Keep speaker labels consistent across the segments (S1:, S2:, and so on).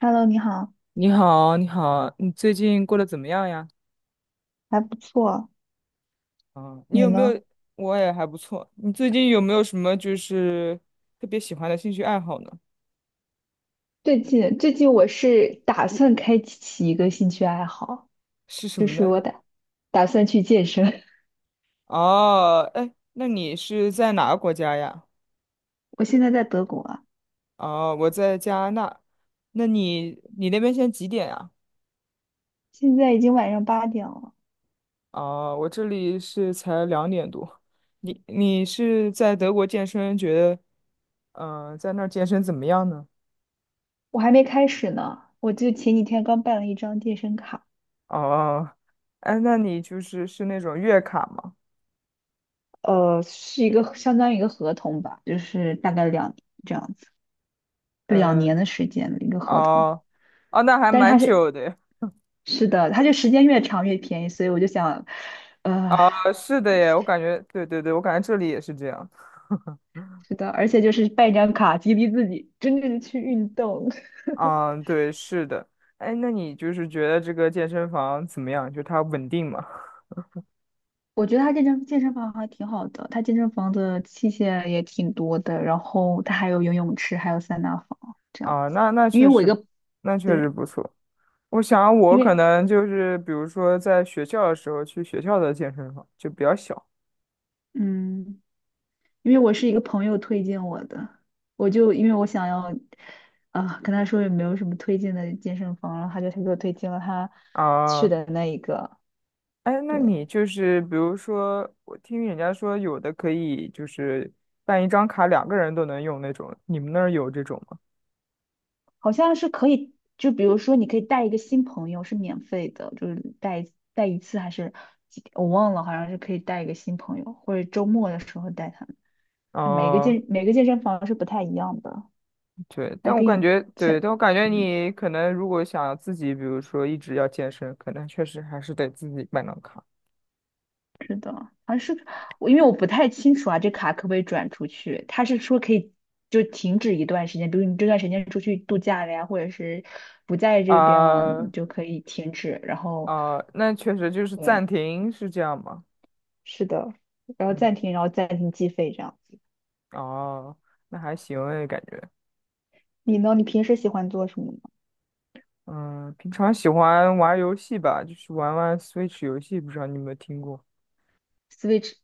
S1: Hello，你好，
S2: 你好，你好，你最近过得怎么样呀？
S1: 还不错，
S2: 啊，你
S1: 你
S2: 有没有？
S1: 呢？
S2: 我也还不错。你最近有没有什么就是特别喜欢的兴趣爱好呢？
S1: 最近我是打算开启一个兴趣爱好，
S2: 是什
S1: 就
S2: 么
S1: 是我
S2: 呢？
S1: 打算去健身，
S2: 哦，哎，那你是在哪个国家呀？
S1: 我现在在德国啊，
S2: 哦，我在加拿大。那你那边现在几点呀？
S1: 现在已经晚上8点了，
S2: 哦，我这里是才2点多。你是在德国健身，觉得在那儿健身怎么样呢？
S1: 我还没开始呢。我就前几天刚办了一张健身卡，
S2: 哦，哎，那你就是那种月卡吗？
S1: 是一个相当于一个合同吧，就是大概两这样子，两
S2: 嗯，
S1: 年的时间的一个合同。
S2: 哦，哦，那还
S1: 但是
S2: 蛮
S1: 它是
S2: 久的耶。
S1: 是的，它就时间越长越便宜，所以我就想，呃。
S2: 啊，是的耶，我感觉，对对对，我感觉这里也是这样。
S1: 是的，而且就是办一张卡激励自己，真正的去运动。
S2: 啊，对，是的。哎，那你就是觉得这个健身房怎么样？就它稳定吗？
S1: 我觉得他这张健身房还挺好的，他健身房的器械也挺多的，然后他还有游泳池，还有桑拿房这样。
S2: 啊，那
S1: 因
S2: 确
S1: 为我一
S2: 实，
S1: 个，
S2: 那确实
S1: 对，
S2: 不错。我想我
S1: 因
S2: 可
S1: 为
S2: 能就是，比如说在学校的时候去学校的健身房就比较小
S1: 嗯，因为我是一个朋友推荐我的，我就因为我想要跟他说有没有什么推荐的健身房，然后他给我推荐了他去
S2: 啊。
S1: 的那一个，
S2: 哎，那
S1: 对，
S2: 你就是比如说，我听人家说有的可以就是办一张卡，两个人都能用那种，你们那儿有这种吗？
S1: 好像是可以，就比如说你可以带一个新朋友是免费的，就是带一次还是几天我忘了，好像是可以带一个新朋友，或者周末的时候带他们。每个
S2: 哦，
S1: 健每个健身房是不太一样的，
S2: 对，
S1: 还
S2: 但我
S1: 可
S2: 感
S1: 以
S2: 觉，
S1: 像
S2: 对，但我感觉
S1: 嗯，
S2: 你可能如果想自己，比如说一直要健身，可能确实还是得自己办张卡。
S1: 是的，好像是我因为不太清楚啊，这卡可不可以转出去？他是说可以就停止一段时间，比如你这段时间出去度假了呀，或者是不在这边了，
S2: 啊，
S1: 你就可以停止，然后
S2: 啊，那确实就是暂
S1: 对。
S2: 停是这样吗？
S1: 是的，然后
S2: 嗯，
S1: 暂停，然后暂停计费这样子。
S2: 哦，那还行诶，感觉。
S1: 你呢？你平时喜欢做什么呢？
S2: 嗯，平常喜欢玩游戏吧，就是玩玩 Switch 游戏，不知道你有没有听过？
S1: Switch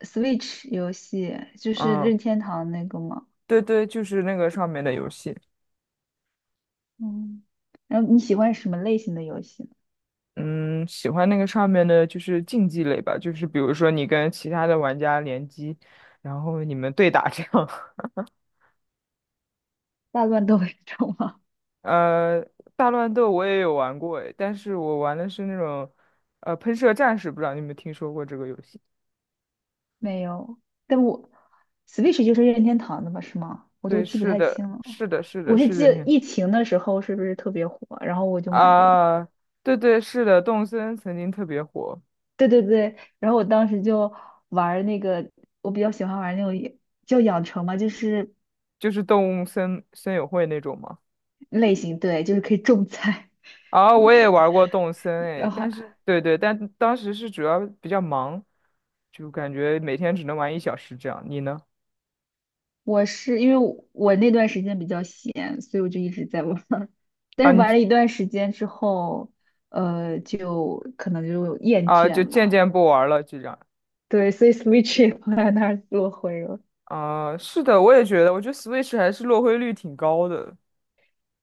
S1: Switch 游戏就是
S2: 嗯，
S1: 任天堂那个吗？
S2: 对对，就是那个上面的游戏。
S1: 嗯，然后你喜欢什么类型的游戏呢？
S2: 嗯，喜欢那个上面的就是竞技类吧，就是比如说你跟其他的玩家联机，然后你们对打这样。
S1: 大乱斗这种吗？
S2: 呃，大乱斗我也有玩过诶，但是我玩的是那种，喷射战士，不知道你有没有听说过这个游戏？
S1: 没有，但我 Switch 就是任天堂的吧？是吗？我都
S2: 对，
S1: 记不
S2: 是
S1: 太
S2: 的，
S1: 清了。
S2: 是的，是的，
S1: 我是
S2: 是
S1: 记
S2: 任
S1: 得
S2: 天。
S1: 疫情的时候是不是特别火，然后我就买了一个。
S2: 啊，对对，是的，动森曾经特别火，
S1: 对对对，然后我当时就玩儿那个，我比较喜欢玩儿那种也叫养成嘛，就是
S2: 就是动物森友会那种嘛。
S1: 类型，对，就是可以种菜。
S2: 啊，我也玩过动森 诶，
S1: 然后
S2: 但是对对，但当时是主要比较忙，就感觉每天只能玩1小时这样。你呢？
S1: 我是因为我那段时间比较闲，所以我就一直在玩儿。但
S2: 啊，
S1: 是
S2: 你
S1: 玩了一段时间之后，就可能就厌
S2: 就
S1: 倦
S2: 渐
S1: 了。
S2: 渐不玩了就这样。
S1: 对，所以 Switch 也放在那儿落灰了。
S2: 啊，是的，我也觉得，我觉得 Switch 还是落灰率挺高的。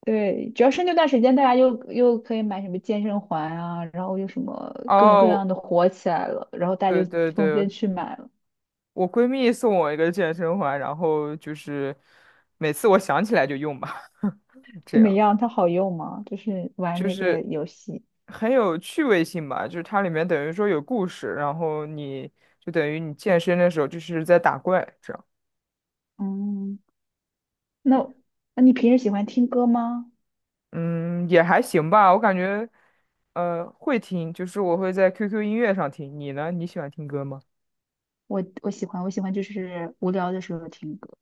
S1: 对，主要是那段时间大家又可以买什么健身环啊，然后又什么各种各
S2: 哦，
S1: 样
S2: 我
S1: 的火起来了，然后大
S2: 对
S1: 家就
S2: 对
S1: 纷
S2: 对，
S1: 纷去买了。
S2: 我闺蜜送我一个健身环，然后就是每次我想起来就用吧，这
S1: 怎么
S2: 样。
S1: 样？它好用吗？就是玩
S2: 就
S1: 那
S2: 是
S1: 个游戏。
S2: 很有趣味性吧，就是它里面等于说有故事，然后你就等于你健身的时候就是在打怪，这样。
S1: 嗯。那那你平时喜欢听歌吗？
S2: 嗯，也还行吧，我感觉，会听，就是我会在 QQ 音乐上听，你呢？你喜欢听歌吗？
S1: 我喜欢就是无聊的时候听歌。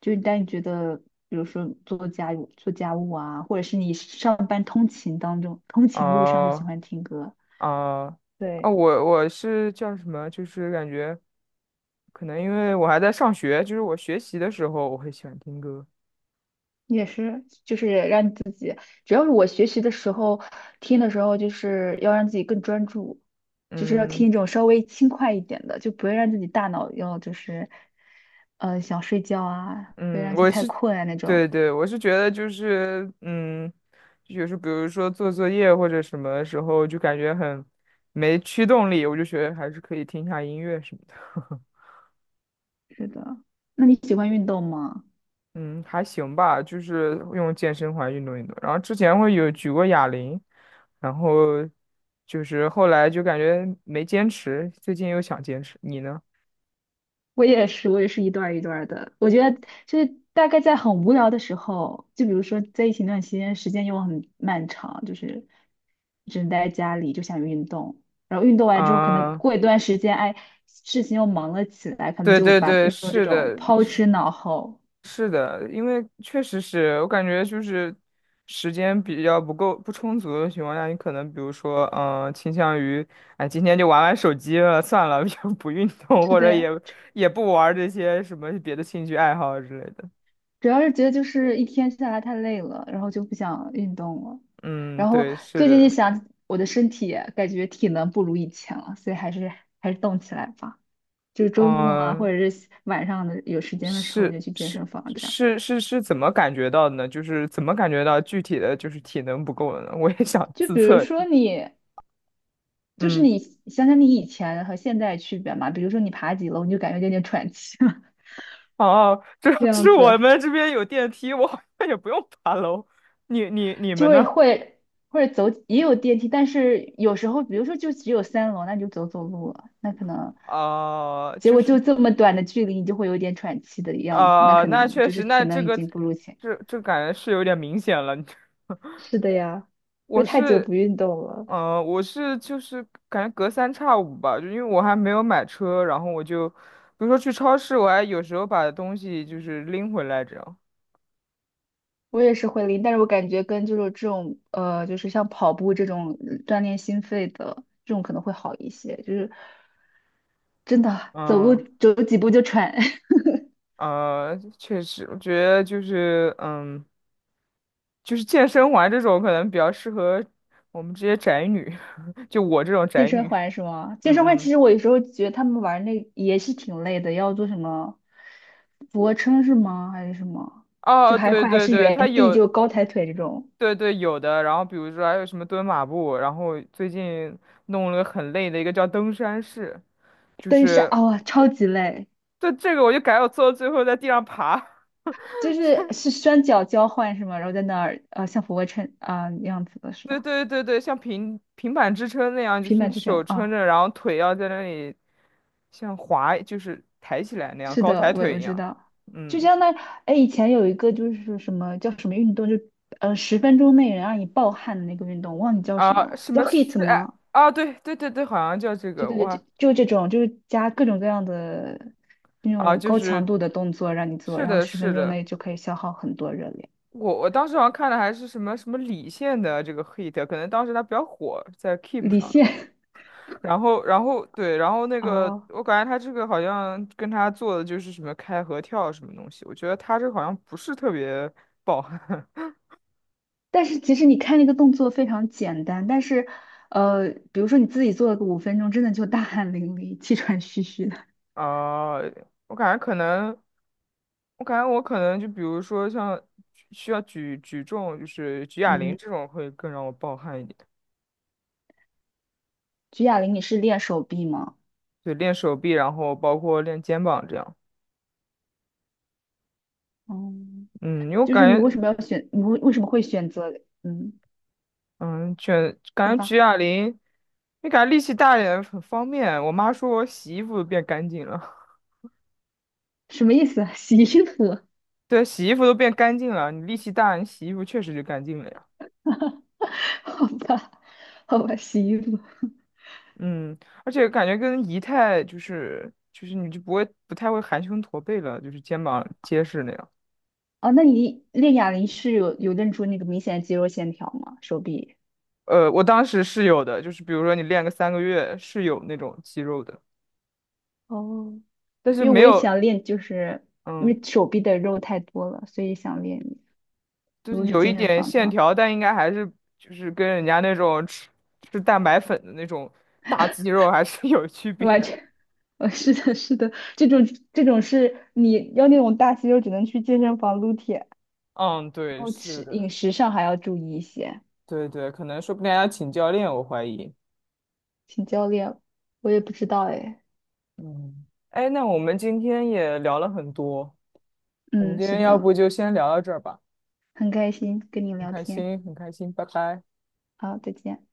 S1: 就是当你觉得，比如说做家务、做家务啊，或者是你上班通勤当中、通勤路上就喜
S2: 啊，
S1: 欢听歌。
S2: 啊，啊！
S1: 对，
S2: 我是叫什么？就是感觉，可能因为我还在上学，就是我学习的时候我会喜欢听歌。
S1: 也是，就是让你自己，主要是我学习的时候听的时候，就是要让自己更专注，就是要
S2: 嗯。
S1: 听一种稍微轻快一点的，就不会让自己大脑要就是，想睡觉啊，不要
S2: 嗯，
S1: 让自己太困啊那种。
S2: 对对，我是觉得就是，嗯，就是比如说做作业或者什么时候，就感觉很没驱动力，我就觉得还是可以听一下音乐什么的。
S1: 是的，那你喜欢运动吗？
S2: 嗯，还行吧，就是用健身环运动运动。然后之前会有举过哑铃，然后就是后来就感觉没坚持，最近又想坚持。你呢？
S1: 我也是，我也是一段儿一段儿的。我觉得就是大概在很无聊的时候，就比如说在一情那段期间，时间又很漫长，就是只能待在家里，就想运动。然后运动完之后，可能
S2: 啊、
S1: 过一段时间，哎，事情又忙了起来，可能
S2: 对
S1: 就
S2: 对
S1: 把
S2: 对，
S1: 运动这
S2: 是
S1: 种
S2: 的，
S1: 抛之脑后。
S2: 是的，因为确实是我感觉就是时间比较不够不充足的情况下，你可能比如说，嗯、倾向于，哎，今天就玩玩手机了，算了，就不运动，
S1: 是
S2: 或
S1: 的
S2: 者
S1: 呀。
S2: 也也不玩这些什么别的兴趣爱好之类的。
S1: 主要是觉得就是一天下来太累了，然后就不想运动了。
S2: 嗯，
S1: 然后
S2: 对，是
S1: 最近就
S2: 的，
S1: 想我的身体感觉体能不如以前了，所以还是动起来吧。就是周末啊，或
S2: 嗯、
S1: 者是晚上的有时间的时候
S2: 是
S1: 就去健
S2: 是
S1: 身房这样。
S2: 是怎么感觉到的呢？就是怎么感觉到具体的就是体能不够了呢？我也想
S1: 就
S2: 自
S1: 比如
S2: 测一下。
S1: 说你，就是
S2: 嗯。
S1: 你想想你以前和现在的区别嘛，比如说你爬几楼你就感觉有点喘气了，
S2: 哦，这 要
S1: 这 样
S2: 是
S1: 子。
S2: 我们这边有电梯，我好像也不用爬楼。你你
S1: 就
S2: 们
S1: 会
S2: 呢？
S1: 会或者走也有电梯，但是有时候比如说就只有3楼，那你就走走路了，那可能结
S2: 就
S1: 果
S2: 是
S1: 就这么短的距离，你就会有点喘气的样子，那
S2: 啊、
S1: 可
S2: 那
S1: 能
S2: 确
S1: 就
S2: 实，
S1: 是
S2: 那
S1: 体
S2: 这
S1: 能已
S2: 个
S1: 经不如前。
S2: 这感觉是有点明显了。
S1: 是的呀，因为
S2: 我
S1: 太久
S2: 是，
S1: 不运动了。
S2: 嗯，我是就是感觉隔三差五吧，就因为我还没有买车，然后我就，比如说去超市，我还有时候把东西就是拎回来这样。
S1: 我也是会拎，但是我感觉跟就是这种就是像跑步这种锻炼心肺的这种可能会好一些，就是真的走路
S2: 嗯
S1: 走几步就喘。
S2: 呃，确实，我觉得就是嗯。就是健身环这种可能比较适合我们这些宅女，就我这种
S1: 健
S2: 宅
S1: 身
S2: 女。
S1: 环是吗？健身环
S2: 嗯
S1: 其
S2: 嗯，
S1: 实我有时候觉得他们玩那也是挺累的，要做什么俯卧撑是吗？还是什么？就
S2: 哦，
S1: 还
S2: 对
S1: 会还
S2: 对
S1: 是
S2: 对，它
S1: 原地就
S2: 有，
S1: 高抬腿这种，
S2: 对对有的。然后比如说还有什么蹲马步，然后最近弄了个很累的一个叫登山式，就
S1: 登山
S2: 是
S1: 啊、哇超级累，
S2: 这个我就改我做到最后在地上爬。
S1: 是双脚交换是吗？然后在那儿像俯卧撑啊、样子的是
S2: 对
S1: 吧？
S2: 对对对，像平板支撑那样，就
S1: 平
S2: 是你
S1: 板支
S2: 手
S1: 撑
S2: 撑
S1: 啊，
S2: 着，然后腿要在那里像滑，就是抬起来那样，
S1: 是
S2: 高
S1: 的，
S2: 抬
S1: 我
S2: 腿
S1: 我
S2: 一
S1: 知
S2: 样。
S1: 道，就
S2: 嗯。
S1: 相当于哎以前有一个就是什么叫什么运动，就十分钟内能让你暴汗的那个运动，忘记叫什么
S2: 啊，
S1: 了，
S2: 什
S1: 叫
S2: 么是
S1: HIIT
S2: 是哎
S1: 吗？
S2: 啊？对对对对，好像叫这
S1: 就
S2: 个，
S1: 对
S2: 我
S1: 对，
S2: 还
S1: 就这种，就是加各种各样的那
S2: 啊，
S1: 种
S2: 就
S1: 高强
S2: 是
S1: 度的动作让你做，
S2: 是
S1: 然后
S2: 的，
S1: 十
S2: 是
S1: 分钟
S2: 的，
S1: 内就可以消耗很多热量，
S2: 我当时好像看的还是什么什么李现的这个 hit，可能当时他比较火，在 Keep
S1: 李
S2: 上，
S1: 现
S2: 然后对，然后 那个
S1: 哦，
S2: 我感觉他这个好像跟他做的就是什么开合跳什么东西，我觉得他这个好像不是特别爆。
S1: 但是其实你看那个动作非常简单，但是比如说你自己做了个5分钟，真的就大汗淋漓、气喘吁吁的。
S2: 啊，我感觉可能。我感觉我可能就比如说像需要举重，就是举哑铃
S1: 嗯，
S2: 这种会更让我暴汗一点。
S1: 举哑铃你是练手臂吗？
S2: 对，练手臂，然后包括练肩膀这样。
S1: 哦，
S2: 嗯，因为我
S1: 就是你
S2: 感
S1: 为
S2: 觉，
S1: 什么要选，你为什么会选择？嗯，
S2: 嗯，卷
S1: 说
S2: 感觉举
S1: 吧，
S2: 哑铃，你感觉力气大一点很方便。我妈说我洗衣服都变干净了，
S1: 什么意思啊？洗衣服？
S2: 对，洗衣服都变干净了。你力气大，你洗衣服确实就干净了呀。
S1: 好吧，好吧，洗衣服。
S2: 嗯，而且感觉跟仪态就是你就不会不太会含胸驼背了，就是肩膀结实那样。
S1: 哦，那你练哑铃是有练出那个明显的肌肉线条吗？手臂？
S2: 我当时是有的，就是比如说你练个3个月是有那种肌肉的，
S1: 哦，
S2: 但是
S1: 因为
S2: 没
S1: 我也
S2: 有，
S1: 想练，就是因
S2: 嗯，
S1: 为手臂的肉太多了，所以想练。
S2: 就
S1: 如
S2: 是
S1: 果去
S2: 有一
S1: 健身
S2: 点
S1: 房的
S2: 线
S1: 话，
S2: 条，但应该还是就是跟人家那种吃蛋白粉的那种大肌肉还是 有区别。
S1: 完全，是的，是的，这种是你要那种大肌肉，只能去健身房撸铁，然
S2: 嗯，对，
S1: 后吃
S2: 是
S1: 饮
S2: 的，
S1: 食上还要注意一些，
S2: 对对，可能说不定还要请教练，我怀疑。
S1: 请教练了我也不知道哎，
S2: 嗯，哎，那我们今天也聊了很多，我们
S1: 嗯，
S2: 今
S1: 是
S2: 天要
S1: 的，
S2: 不就先聊到这儿吧，
S1: 很开心跟你
S2: 很
S1: 聊
S2: 开
S1: 天，
S2: 心，很开心，拜拜。
S1: 好，再见。